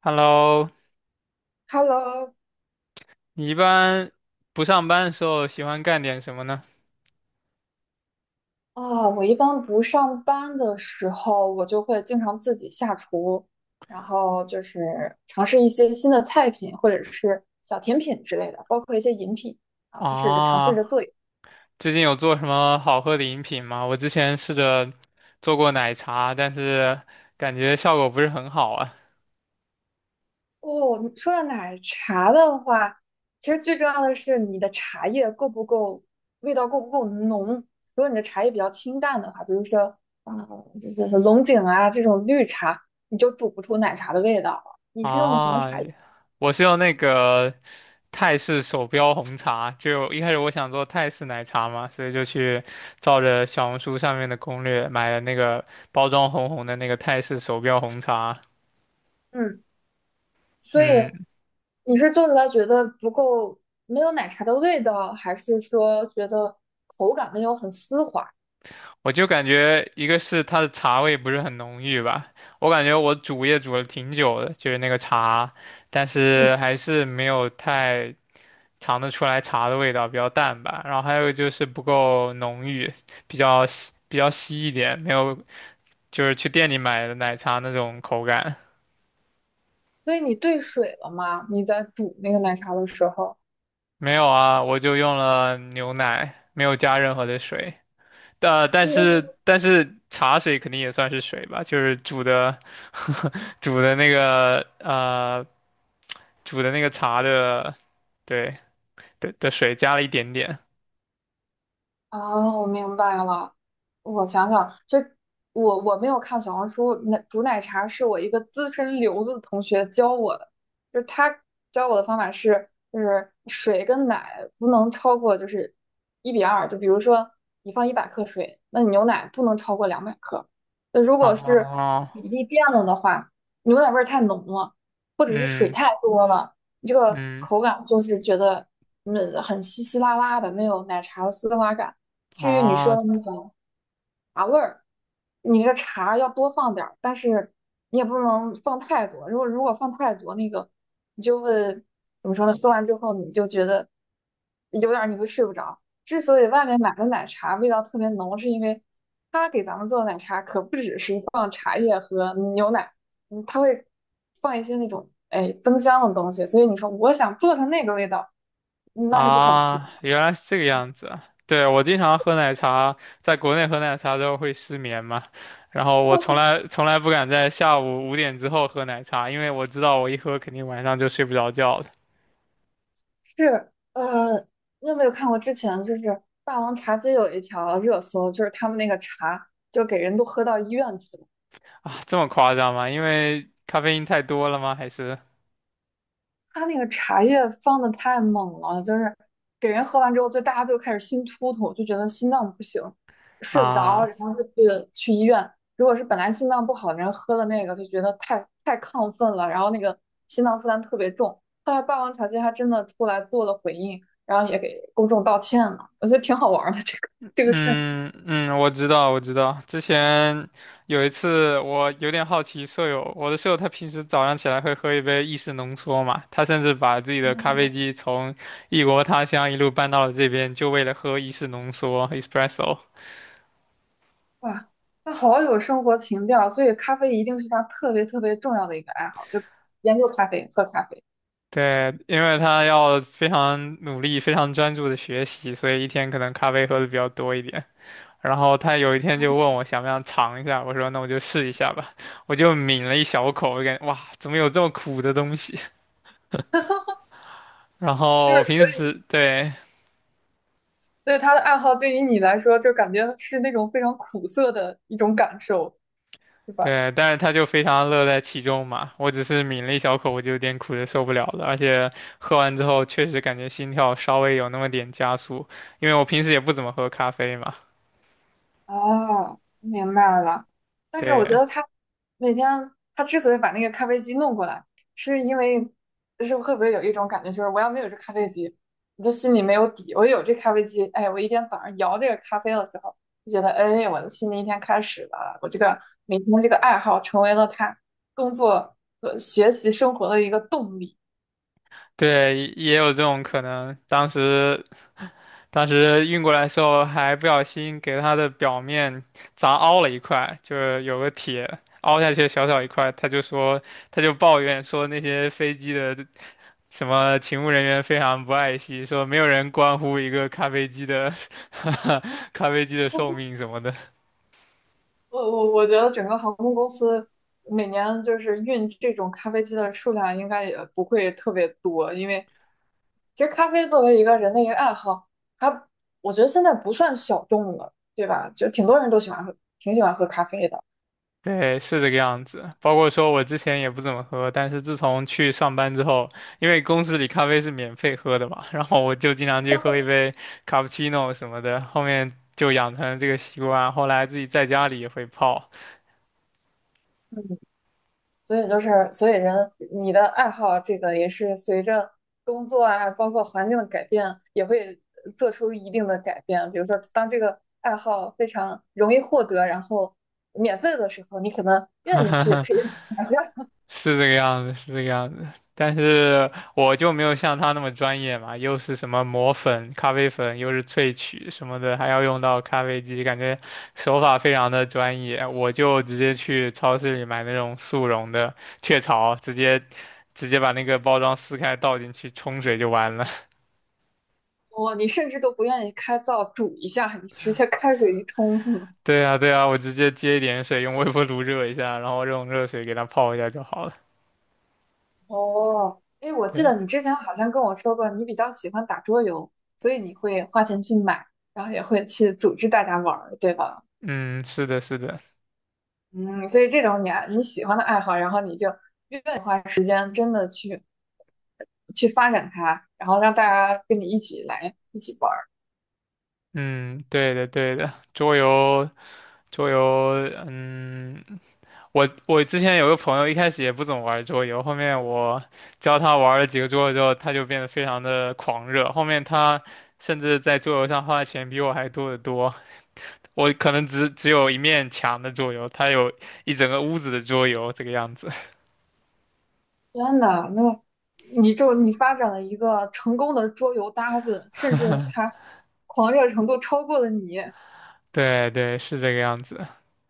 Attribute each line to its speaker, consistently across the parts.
Speaker 1: Hello，
Speaker 2: Hello。
Speaker 1: 你一般不上班的时候喜欢干点什么呢？
Speaker 2: 我一般不上班的时候，我就会经常自己下厨，然后就是尝试一些新的菜品或者是小甜品之类的，包括一些饮品。尝试着
Speaker 1: 啊，
Speaker 2: 做。
Speaker 1: 最近有做什么好喝的饮品吗？我之前试着做过奶茶，但是感觉效果不是很好啊。
Speaker 2: 哦，你说到奶茶的话，其实最重要的是你的茶叶够不够，味道够不够浓。如果你的茶叶比较清淡的话，比如说啊，龙井啊这种绿茶，你就煮不出奶茶的味道了。你是用的什么
Speaker 1: 啊，
Speaker 2: 茶叶？
Speaker 1: 我是用那个泰式手标红茶，就一开始我想做泰式奶茶嘛，所以就去照着小红书上面的攻略买了那个包装红红的那个泰式手标红茶。
Speaker 2: 嗯。所以
Speaker 1: 嗯。
Speaker 2: 你是做出来觉得不够，没有奶茶的味道，还是说觉得口感没有很丝滑？
Speaker 1: 我就感觉一个是它的茶味不是很浓郁吧，我感觉我煮也煮了挺久的，就是那个茶，但
Speaker 2: 嗯，
Speaker 1: 是还是没有太尝得出来茶的味道，比较淡吧。然后还有就是不够浓郁，比较稀一点，没有就是去店里买的奶茶那种口感。
Speaker 2: 所以你兑水了吗？你在煮那个奶茶的时候，
Speaker 1: 没有啊，我就用了牛奶，没有加任何的水。呃，但
Speaker 2: 那
Speaker 1: 是但是茶水肯定也算是水吧，就是煮的 煮的那个煮的那个茶的，对的的水加了一点点。
Speaker 2: 我明白了。我想想，就我没有看小红书，奶煮奶茶是我一个资深留子同学教我的，就是他教我的方法是，就是水跟奶不能超过就是1:2，就比如说你放100克水，那你牛奶不能超过200克。那如果是
Speaker 1: 哦，
Speaker 2: 比例变了的话，牛奶味儿太浓了，或者是水
Speaker 1: 嗯
Speaker 2: 太多了，你这个
Speaker 1: 嗯，
Speaker 2: 口感就是觉得很稀稀拉拉的，没有奶茶的丝滑感。至于你说
Speaker 1: 哦
Speaker 2: 的那种茶味儿，你那个茶要多放点儿，但是你也不能放太多。如果放太多，那个你就会怎么说呢？喝完之后你就觉得有点儿你会睡不着。之所以外面买的奶茶味道特别浓，是因为他给咱们做的奶茶可不只是放牛奶，嗯，他会放一些那种增香的东西。所以你说我想做成那个味道，那是不可能。
Speaker 1: 啊，原来是这个样子啊。对，我经常喝奶茶，在国内喝奶茶之后会失眠嘛，然后我从来不敢在下午5点之后喝奶茶，因为我知道我一喝肯定晚上就睡不着觉了。
Speaker 2: 是，你有没有看过之前就是《霸王茶姬》有一条热搜，就是他们那个茶就给人都喝到医院去了，
Speaker 1: 啊，这么夸张吗？因为咖啡因太多了吗？还是
Speaker 2: 他那个茶叶放的太猛了，就是给人喝完之后，就大家就开始心突突，就觉得心脏不行，睡不着，
Speaker 1: 啊？
Speaker 2: 然后去医院。如果是本来心脏不好的人喝了那个，就觉得太亢奋了，然后那个心脏负担特别重。后来《霸王茶姬》还真的出来做了回应，然后也给公众道歉了，我觉得挺好玩儿的这个。这个事情。
Speaker 1: 嗯嗯，我知道。之前有一次，我有点好奇舍友，我的舍友他平时早上起来会喝一杯意式浓缩嘛，他甚至把自己的咖啡机从异国他乡一路搬到了这边，就为了喝意式浓缩 （espresso）。
Speaker 2: 哇，他好有生活情调，所以咖啡一定是他特别特别重要的一个爱好，就研究咖啡、喝咖啡，
Speaker 1: 对，因为他要非常努力、非常专注的学习，所以一天可能咖啡喝的比较多一点。然后他有一天就问我想不想尝一下，我说那我就试一下吧，我就抿了一小口，我感觉哇，怎么有这么苦的东西？然
Speaker 2: 就
Speaker 1: 后我平
Speaker 2: 是
Speaker 1: 时对
Speaker 2: 对他的爱好，对于你来说，就感觉是那种非常苦涩的一种感受，对吧？
Speaker 1: 对，但是他就非常乐在其中嘛，我只是抿了一小口，我就有点苦的受不了了，而且喝完之后确实感觉心跳稍微有那么点加速，因为我平时也不怎么喝咖啡嘛，
Speaker 2: 哦，明白了。但是我觉
Speaker 1: 对。
Speaker 2: 得他每天之所以把那个咖啡机弄过来，是因为就是会不会有一种感觉，就是我要没有这咖啡机，我就心里没有底。我有这咖啡机，哎，我一天早上摇这个咖啡的时候，就觉得哎，我的新的一天开始了。我这个每天这个爱好成为了他工作、和学习、生活的一个动力。
Speaker 1: 对，也有这种可能。当时运过来的时候，还不小心给它的表面砸凹了一块，就是有个铁凹下去小小一块，他就说，他就抱怨说那些飞机的什么勤务人员非常不爱惜，说没有人关乎一个咖啡机的 咖啡机的寿命什么的。
Speaker 2: 我觉得整个航空公司每年就是运这种咖啡机的数量应该也不会特别多，因为其实咖啡作为一个人的一个爱好，它我觉得现在不算小众了，对吧？就挺多人都喜欢喝，挺喜欢喝咖啡的。
Speaker 1: 对，是这个样子。包括说我之前也不怎么喝，但是自从去上班之后，因为公司里咖啡是免费喝的嘛，然后我就经常去喝一杯卡布奇诺什么的，后面就养成了这个习惯。后来自己在家里也会泡，
Speaker 2: 嗯。所以你的爱好这个也是随着工作啊，包括环境的改变，也会做出一定的改变。比如说，当这个爱好非常容易获得，然后免费的时候，你可能愿意去培养 一下。
Speaker 1: 是这个样子，是这个样子。但是我就没有像他那么专业嘛，又是什么磨粉、咖啡粉，又是萃取什么的，还要用到咖啡机，感觉手法非常的专业。我就直接去超市里买那种速溶的雀巢，直接把那个包装撕开倒进去冲水就完了。
Speaker 2: 哦，你甚至都不愿意开灶煮一下，你直接开水一冲是吗？
Speaker 1: 对啊，对啊，我直接接一点水，用微波炉热一下，然后用热水给它泡一下就好了。
Speaker 2: 哦，哎，我记
Speaker 1: 对，
Speaker 2: 得你之前好像跟我说过，你比较喜欢打桌游，所以你会花钱去买，然后也会去组织大家玩儿，对吧？
Speaker 1: 嗯，是的，是的，
Speaker 2: 嗯，所以这种你喜欢的爱好，然后你就愿意去发展它，然后让大家跟你一起来一起玩儿。
Speaker 1: 嗯，对的，对的，桌游。桌游，嗯，我之前有个朋友，一开始也不怎么玩桌游，后面我教他玩了几个桌游之后，他就变得非常的狂热。后面他甚至在桌游上花的钱比我还多得多。我可能只有一面墙的桌游，他有一整个屋子的桌游这个样子。
Speaker 2: 真的，那你发展了一个成功的桌游搭子，甚至 他狂热程度超过了你，
Speaker 1: 对对，是这个样子。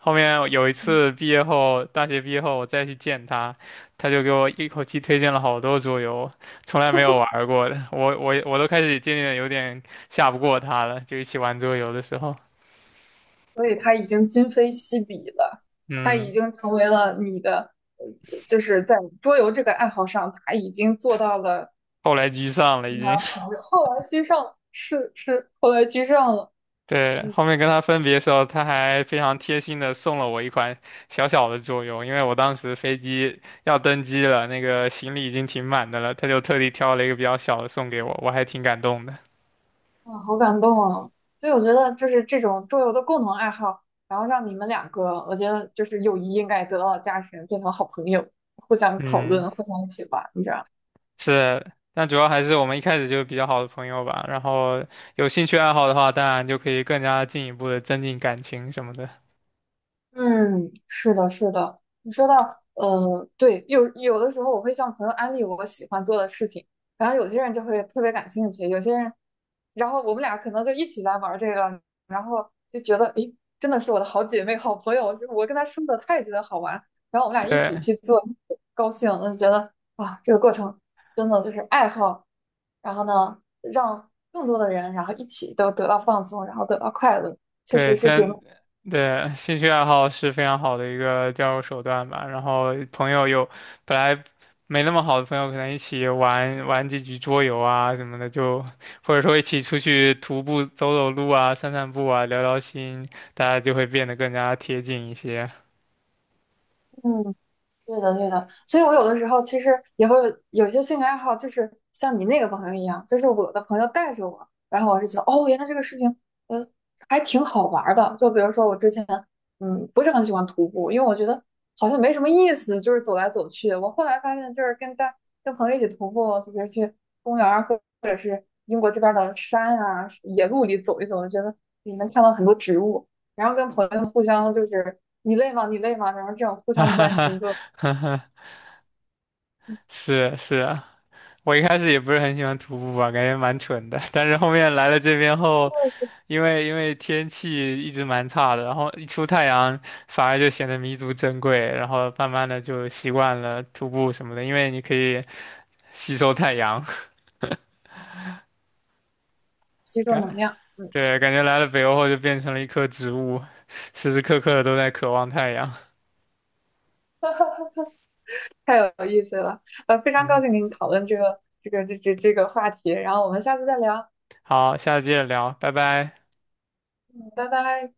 Speaker 1: 后面有一
Speaker 2: 嗯
Speaker 1: 次毕业后，大学毕业后我再去见他，他就给我一口气推荐了好多桌游，从来没有玩儿过的。我都开始渐渐地有点下不过他了，就一起玩桌游的时候，
Speaker 2: 所以他已经今非昔比了，他已
Speaker 1: 嗯，
Speaker 2: 经成为了你的，就是在桌游这个爱好上，他已经做到了
Speaker 1: 后来居上了已
Speaker 2: 非
Speaker 1: 经。
Speaker 2: 常 狂热，后来居上，是后来居上了。
Speaker 1: 对，
Speaker 2: 嗯。
Speaker 1: 后面跟他分别的时候，他还非常贴心的送了我一款小小的桌游，因为我当时飞机要登机了，那个行李已经挺满的了，他就特地挑了一个比较小的送给我，我还挺感动的。
Speaker 2: 啊，好感动啊！所以我觉得，就是这种桌游的共同爱好，然后让你们两个，我觉得就是友谊应该得到加深，变成好朋友，互相讨
Speaker 1: 嗯。
Speaker 2: 论，互相一起玩，你知道。
Speaker 1: 是，但主要还是我们一开始就是比较好的朋友吧。然后有兴趣爱好的话，当然就可以更加进一步的增进感情什么的。
Speaker 2: 嗯，是的，是的。你说到，对，有的时候我会向朋友安利我喜欢做的事情，然后有些人就会特别感兴趣，有些人，然后我们俩可能就一起来玩儿这个，然后就觉得，诶，真的是我的好姐妹、好朋友，我跟她说的，她也觉得好玩，然后我们俩一起
Speaker 1: 对
Speaker 2: 去做，高兴，我就觉得哇，这个过程真的就是爱好，然后呢，让更多的人，然后一起都得到放松，然后得到快乐，确
Speaker 1: 对，
Speaker 2: 实是挺。
Speaker 1: 真对，兴趣爱好是非常好的一个交友手段吧。然后朋友有本来没那么好的朋友，可能一起玩玩几局桌游啊什么的，就或者说一起出去徒步走走路啊、散散步啊、聊聊心，大家就会变得更加贴近一些。
Speaker 2: 嗯，对的，对的，所以我有的时候其实也会有一些兴趣爱好，就是像你那个朋友一样，就是我的朋友带着我，然后我是觉得哦，原来这个事情，呃，还挺好玩儿的。就比如说我之前，不是很喜欢徒步，因为我觉得好像没什么意思，就是走来走去。我后来发现，就是跟朋友一起徒步，就比如去公园儿或英国这边儿的山啊、野路里走一走，我觉得你能看到很多植物，然后跟朋友互相就是你累吗？你累吗？然后这种互
Speaker 1: 哈
Speaker 2: 相
Speaker 1: 哈
Speaker 2: 关
Speaker 1: 哈
Speaker 2: 心就。
Speaker 1: 哈哈，是是啊，我一开始也不是很喜欢徒步吧，感觉蛮蠢的。但是后面来了这边后，因为天气一直蛮差的，然后一出太阳反而就显得弥足珍贵，然后慢慢的就习惯了徒步什么的，因为你可以吸收太阳。
Speaker 2: 吸收能
Speaker 1: 感，
Speaker 2: 量。嗯，
Speaker 1: 对，感觉来了北欧后就变成了一棵植物，时时刻刻的都在渴望太阳。
Speaker 2: 太有意思了，非常高
Speaker 1: 嗯，
Speaker 2: 兴跟你讨论这个话题，然后我们下次再聊，
Speaker 1: 好，下次接着聊，拜拜。
Speaker 2: 嗯拜拜。